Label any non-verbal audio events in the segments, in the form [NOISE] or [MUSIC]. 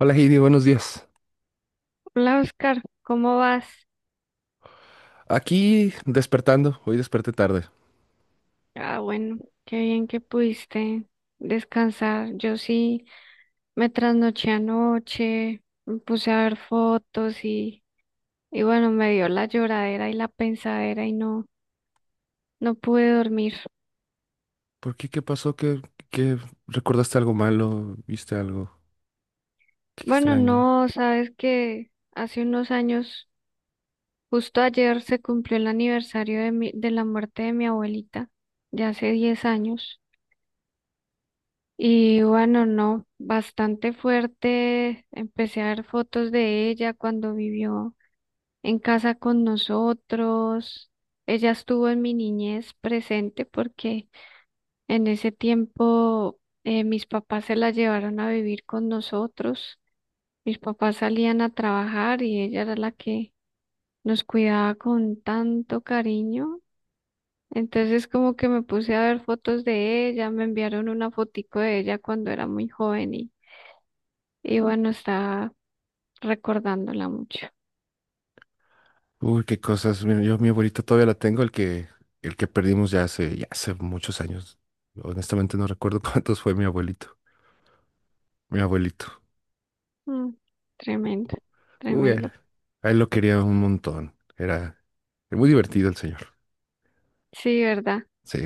Hola Heidi, buenos días. Hola Oscar, ¿cómo vas? Aquí despertando, hoy desperté tarde. Ah, bueno, qué bien que pudiste descansar. Yo sí me trasnoché anoche, me puse a ver fotos y bueno, me dio la lloradera y la pensadera y no, no pude dormir. ¿Por qué? ¿Qué pasó? ¿Qué recordaste algo malo? ¿Viste algo? Qué Bueno, extraño. no, sabes que hace unos años, justo ayer se cumplió el aniversario de mi, de la muerte de mi abuelita, ya hace 10 años. Y bueno, no, bastante fuerte. Empecé a ver fotos de ella cuando vivió en casa con nosotros. Ella estuvo en mi niñez presente porque en ese tiempo mis papás se la llevaron a vivir con nosotros. Mis papás salían a trabajar y ella era la que nos cuidaba con tanto cariño. Entonces como que me puse a ver fotos de ella, me enviaron una fotico de ella cuando era muy joven. Y bueno, está recordándola mucho. Uy, qué cosas. Mira, yo mi abuelita todavía la tengo, el que perdimos ya hace muchos años. Honestamente no recuerdo [LAUGHS] cuántos fue mi abuelito. Mi abuelito. Mm, tremendo, Uy, a él, tremendo. a él lo quería un montón. Era, era muy divertido el señor. Sí, ¿verdad? Sí.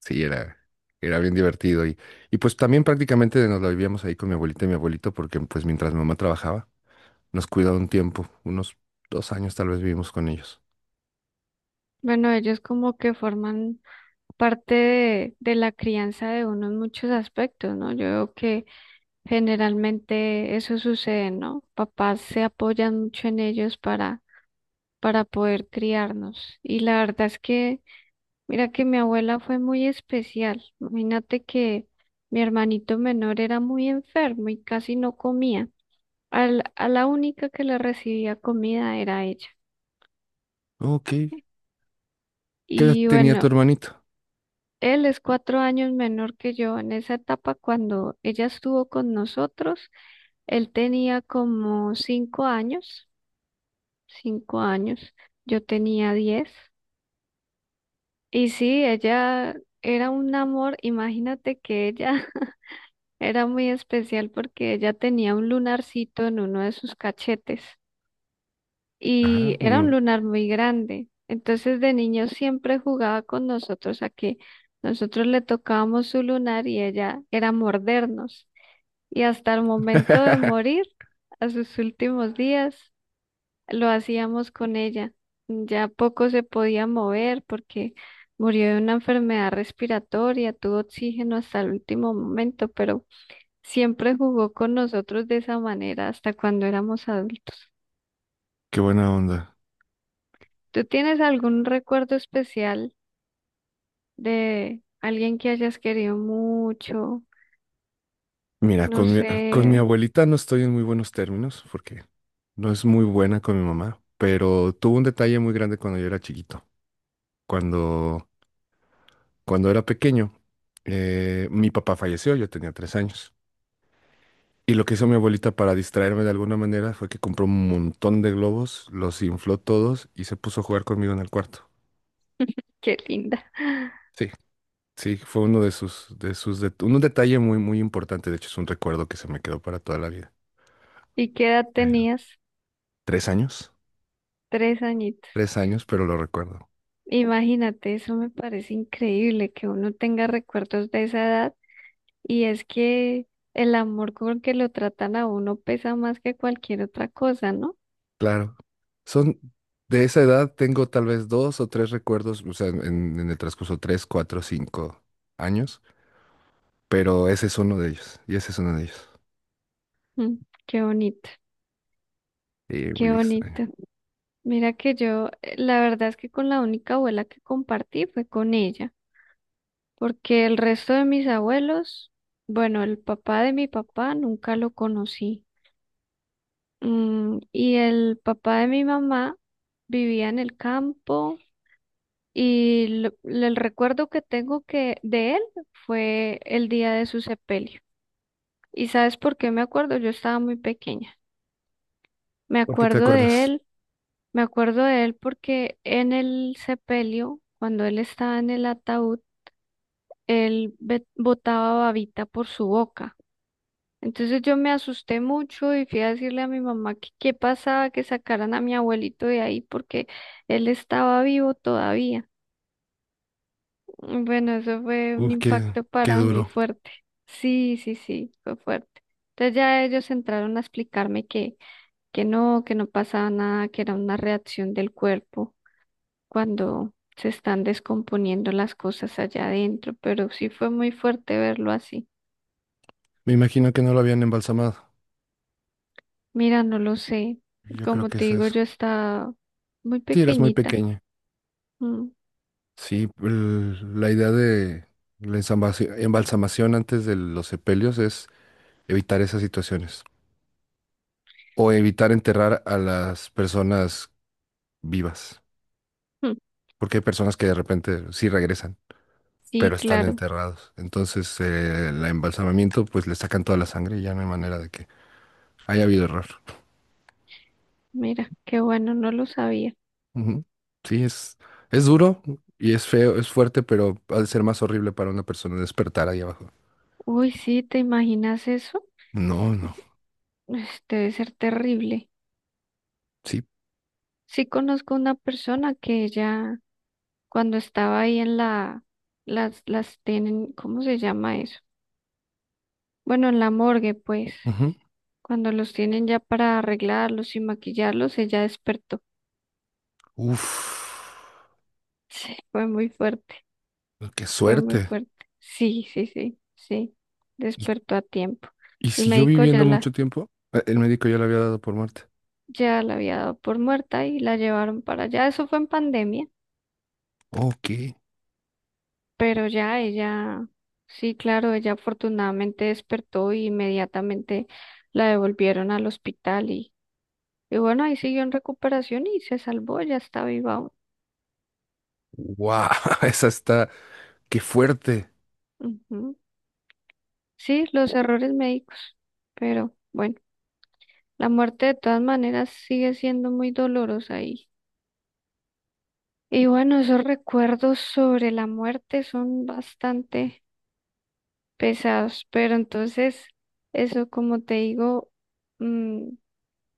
Sí, era, era bien divertido. Y pues también prácticamente nos la vivíamos ahí con mi abuelita y mi abuelito, porque pues mientras mi mamá trabajaba, nos cuidaba un tiempo, unos 2 años tal vez vivimos con ellos. Bueno, ellos como que forman parte de la crianza de uno en muchos aspectos, ¿no? Yo veo que generalmente eso sucede, ¿no? Papás se apoyan mucho en ellos para poder criarnos. Y la verdad es que, mira que mi abuela fue muy especial. Imagínate que mi hermanito menor era muy enfermo y casi no comía. A la única que le recibía comida era ella. Ok. ¿Qué edad Y tenía tu bueno, hermanito? él es 4 años menor que yo. En esa etapa, cuando ella estuvo con nosotros, él tenía como 5 años, 5 años, yo tenía 10. Y sí, ella era un amor, imagínate que ella [LAUGHS] era muy especial porque ella tenía un lunarcito en uno de sus cachetes. Y Ajá, era un lunar muy grande. Entonces de niño siempre jugaba con nosotros a que nosotros le tocábamos su lunar y ella era mordernos. Y hasta el momento de morir, [LAUGHS] a sus últimos días, lo hacíamos con ella. Ya poco se podía mover porque murió de una enfermedad respiratoria, tuvo oxígeno hasta el último momento, pero siempre jugó con nosotros de esa manera hasta cuando éramos adultos. Qué buena onda. ¿Tú tienes algún recuerdo especial de alguien que hayas querido mucho, Mira, no con mi sé, abuelita no estoy en muy buenos términos porque no es muy buena con mi mamá, pero tuvo un detalle muy grande cuando yo era chiquito. Cuando, cuando era pequeño, mi papá falleció, yo tenía 3 años. Y lo que hizo mi abuelita para distraerme de alguna manera fue que compró un montón de globos, los infló todos y se puso a jugar conmigo en el cuarto. qué linda? [LAUGHS] Sí, sí, fue uno un detalle muy, muy importante. De hecho, es un recuerdo que se me quedó para toda la vida. ¿Y qué edad Bueno. tenías? ¿3 años? Tres añitos. 3 años, pero lo recuerdo. Imagínate, eso me parece increíble que uno tenga recuerdos de esa edad, y es que el amor con que lo tratan a uno pesa más que cualquier otra cosa, ¿no? Claro. Son de esa edad, tengo tal vez dos o tres recuerdos, o sea, en el transcurso tres, cuatro, 5 años, pero ese es uno de ellos. Y ese es uno de ellos. Mm, qué bonito, Y muy qué extraño. bonito. Mira que yo, la verdad es que con la única abuela que compartí fue con ella, porque el resto de mis abuelos, bueno, el papá de mi papá nunca lo conocí. Mm, y el papá de mi mamá vivía en el campo, y el recuerdo que tengo que de él fue el día de su sepelio. ¿Y sabes por qué me acuerdo? Yo estaba muy pequeña. Me ¿Por qué te acuerdo de acuerdas? él, me acuerdo de él porque en el sepelio, cuando él estaba en el ataúd, él botaba babita por su boca. Entonces yo me asusté mucho y fui a decirle a mi mamá que qué pasaba, que sacaran a mi abuelito de ahí porque él estaba vivo todavía. Bueno, eso fue un Uy, qué, impacto qué para mí duro. fuerte. Sí, sí, sí, fue fuerte. Entonces ya ellos entraron a explicarme que no pasaba nada, que era una reacción del cuerpo cuando se están descomponiendo las cosas allá adentro, pero sí fue muy fuerte verlo así. Me imagino que no lo habían embalsamado. Mira, no lo sé. Yo creo Como que te eso es, digo, eso. yo estaba muy Sí, eras muy pequeñita. pequeña. Mm, Sí, el- la idea de la ensambasi- embalsamación antes de los sepelios es evitar esas situaciones o evitar enterrar a las personas vivas, mm. porque hay personas que de repente sí regresan, Sí, pero están claro. enterrados. Entonces, el embalsamamiento, pues le sacan toda la sangre y ya no hay manera de que haya habido error. Mira, qué bueno, no lo sabía. Ujú. Sí, es duro y es, feo, es fuerte, pero ha de ser más horrible para una persona despertar ahí abajo. Uy, sí, ¿te imaginas eso? No, no, Pues, debe ser terrible. sí. Sí conozco una persona que ella, cuando estaba ahí en la, las tienen, ¿cómo se llama eso? Bueno, en la morgue, pues, Ujú. cuando los tienen ya para arreglarlos y maquillarlos, ella despertó. [LAUGHS] Uf, Sí, fue muy fuerte. qué Fue muy suerte. fuerte. Sí, sí, sí, sí. ¿Y, Despertó a tiempo. y El siguió médico viviendo ya la, mucho tiempo? El médico ya le había dado por muerte. ya la había dado por muerta y la llevaron para allá. Eso fue en pandemia, Ok. pero ya ella, sí, claro, ella afortunadamente despertó y inmediatamente la devolvieron al hospital y bueno, ahí siguió en recuperación y se salvó, ya está viva aún. Wow, [LAUGHS] esa está, qué fuerte. Ujú. Sí, los errores médicos, pero bueno, la muerte de todas maneras sigue siendo muy dolorosa. Y bueno, esos recuerdos sobre la muerte son bastante pesados, pero entonces, eso como te digo, mm,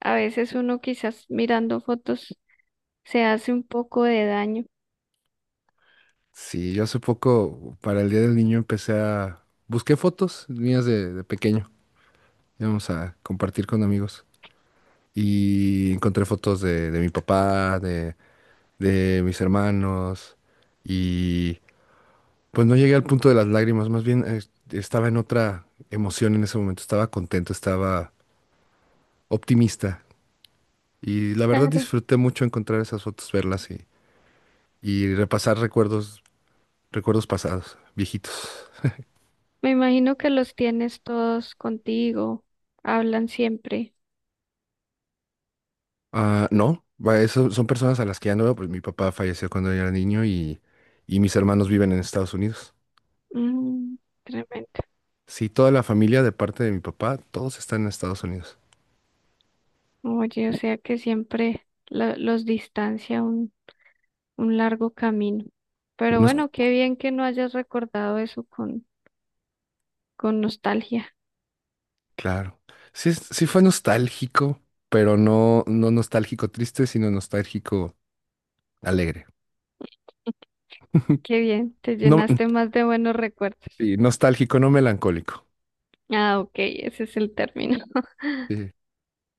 a veces uno quizás mirando fotos se hace un poco de daño. Sí, yo hace poco, para el Día del Niño, empecé a... Busqué fotos mías de pequeño. Íbamos a compartir con amigos. Y encontré fotos de mi papá, de mis hermanos y pues no llegué al punto de las lágrimas, más bien estaba en otra emoción en ese momento, estaba contento, estaba optimista y la verdad Claro. disfruté mucho encontrar esas fotos, verlas y repasar recuerdos, recuerdos pasados, viejitos. Me imagino que los tienes todos contigo, hablan siempre. Ah, no, va, eso son personas a las que ya no veo, pues mi papá falleció cuando yo era niño y mis hermanos viven en Estados Unidos. Mm, tremendo. Sí, toda la familia de parte de mi papá, todos están en Estados Unidos. Oye, o sea que siempre los distancia un largo camino. Pero Unos bueno, qué bien que no hayas recordado eso con nostalgia. claro. Sí, es- sí fue nostálgico, pero no, no nostálgico triste, sino nostálgico alegre. [LAUGHS] Qué bien, te No, llenaste más de buenos recuerdos. sí, nostálgico, no melancólico. Ah, ok, ese es el término. [LAUGHS] Sí,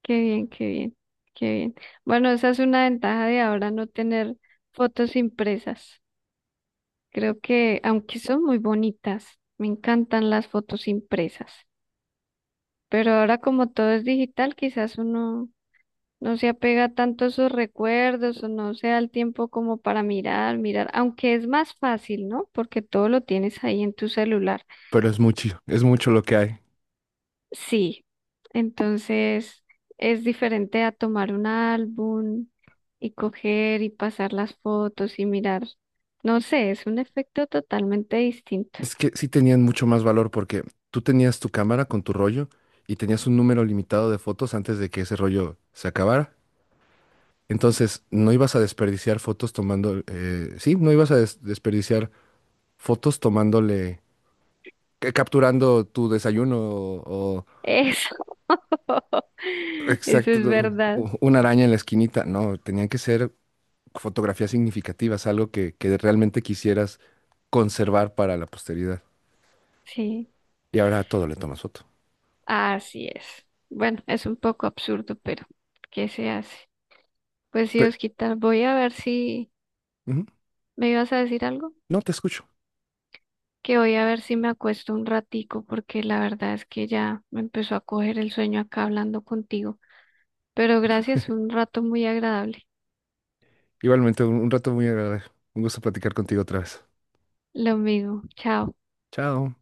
Qué bien, qué bien, qué bien. Bueno, esa es una ventaja de ahora no tener fotos impresas. Creo que, aunque son muy bonitas, me encantan las fotos impresas. Pero ahora como todo es digital, quizás uno no se apega tanto a sus recuerdos o no se da el tiempo como para mirar, mirar, aunque es más fácil, ¿no? Porque todo lo tienes ahí en tu celular. pero es mucho lo que hay. Sí, entonces es diferente a tomar un álbum y coger y pasar las fotos y mirar. No sé, es un efecto totalmente distinto. Es que sí tenían mucho más valor porque tú tenías tu cámara con tu rollo y tenías un número limitado de fotos antes de que ese rollo se acabara. Entonces, no ibas a desperdiciar fotos tomando, sí, no ibas a desperdiciar fotos tomándole, capturando tu desayuno o, Eso, [LAUGHS] eso exacto, es no, verdad. Una araña en la esquinita. No, tenían que ser fotografías significativas, algo que realmente quisieras conservar para la posteridad. Sí, Y ahora a todo le tomas foto. así es. Bueno, es un poco absurdo, pero ¿qué se hace? Pues sí, Pe- Osquita, voy a ver si Ujú. me ibas a decir algo, No te escucho. que voy a ver si me acuesto un ratico, porque la verdad es que ya me empezó a coger el sueño acá hablando contigo. Pero gracias, un rato muy agradable. Igualmente, un rato muy agradable. Un gusto platicar contigo otra vez. Lo mismo, chao. Chao.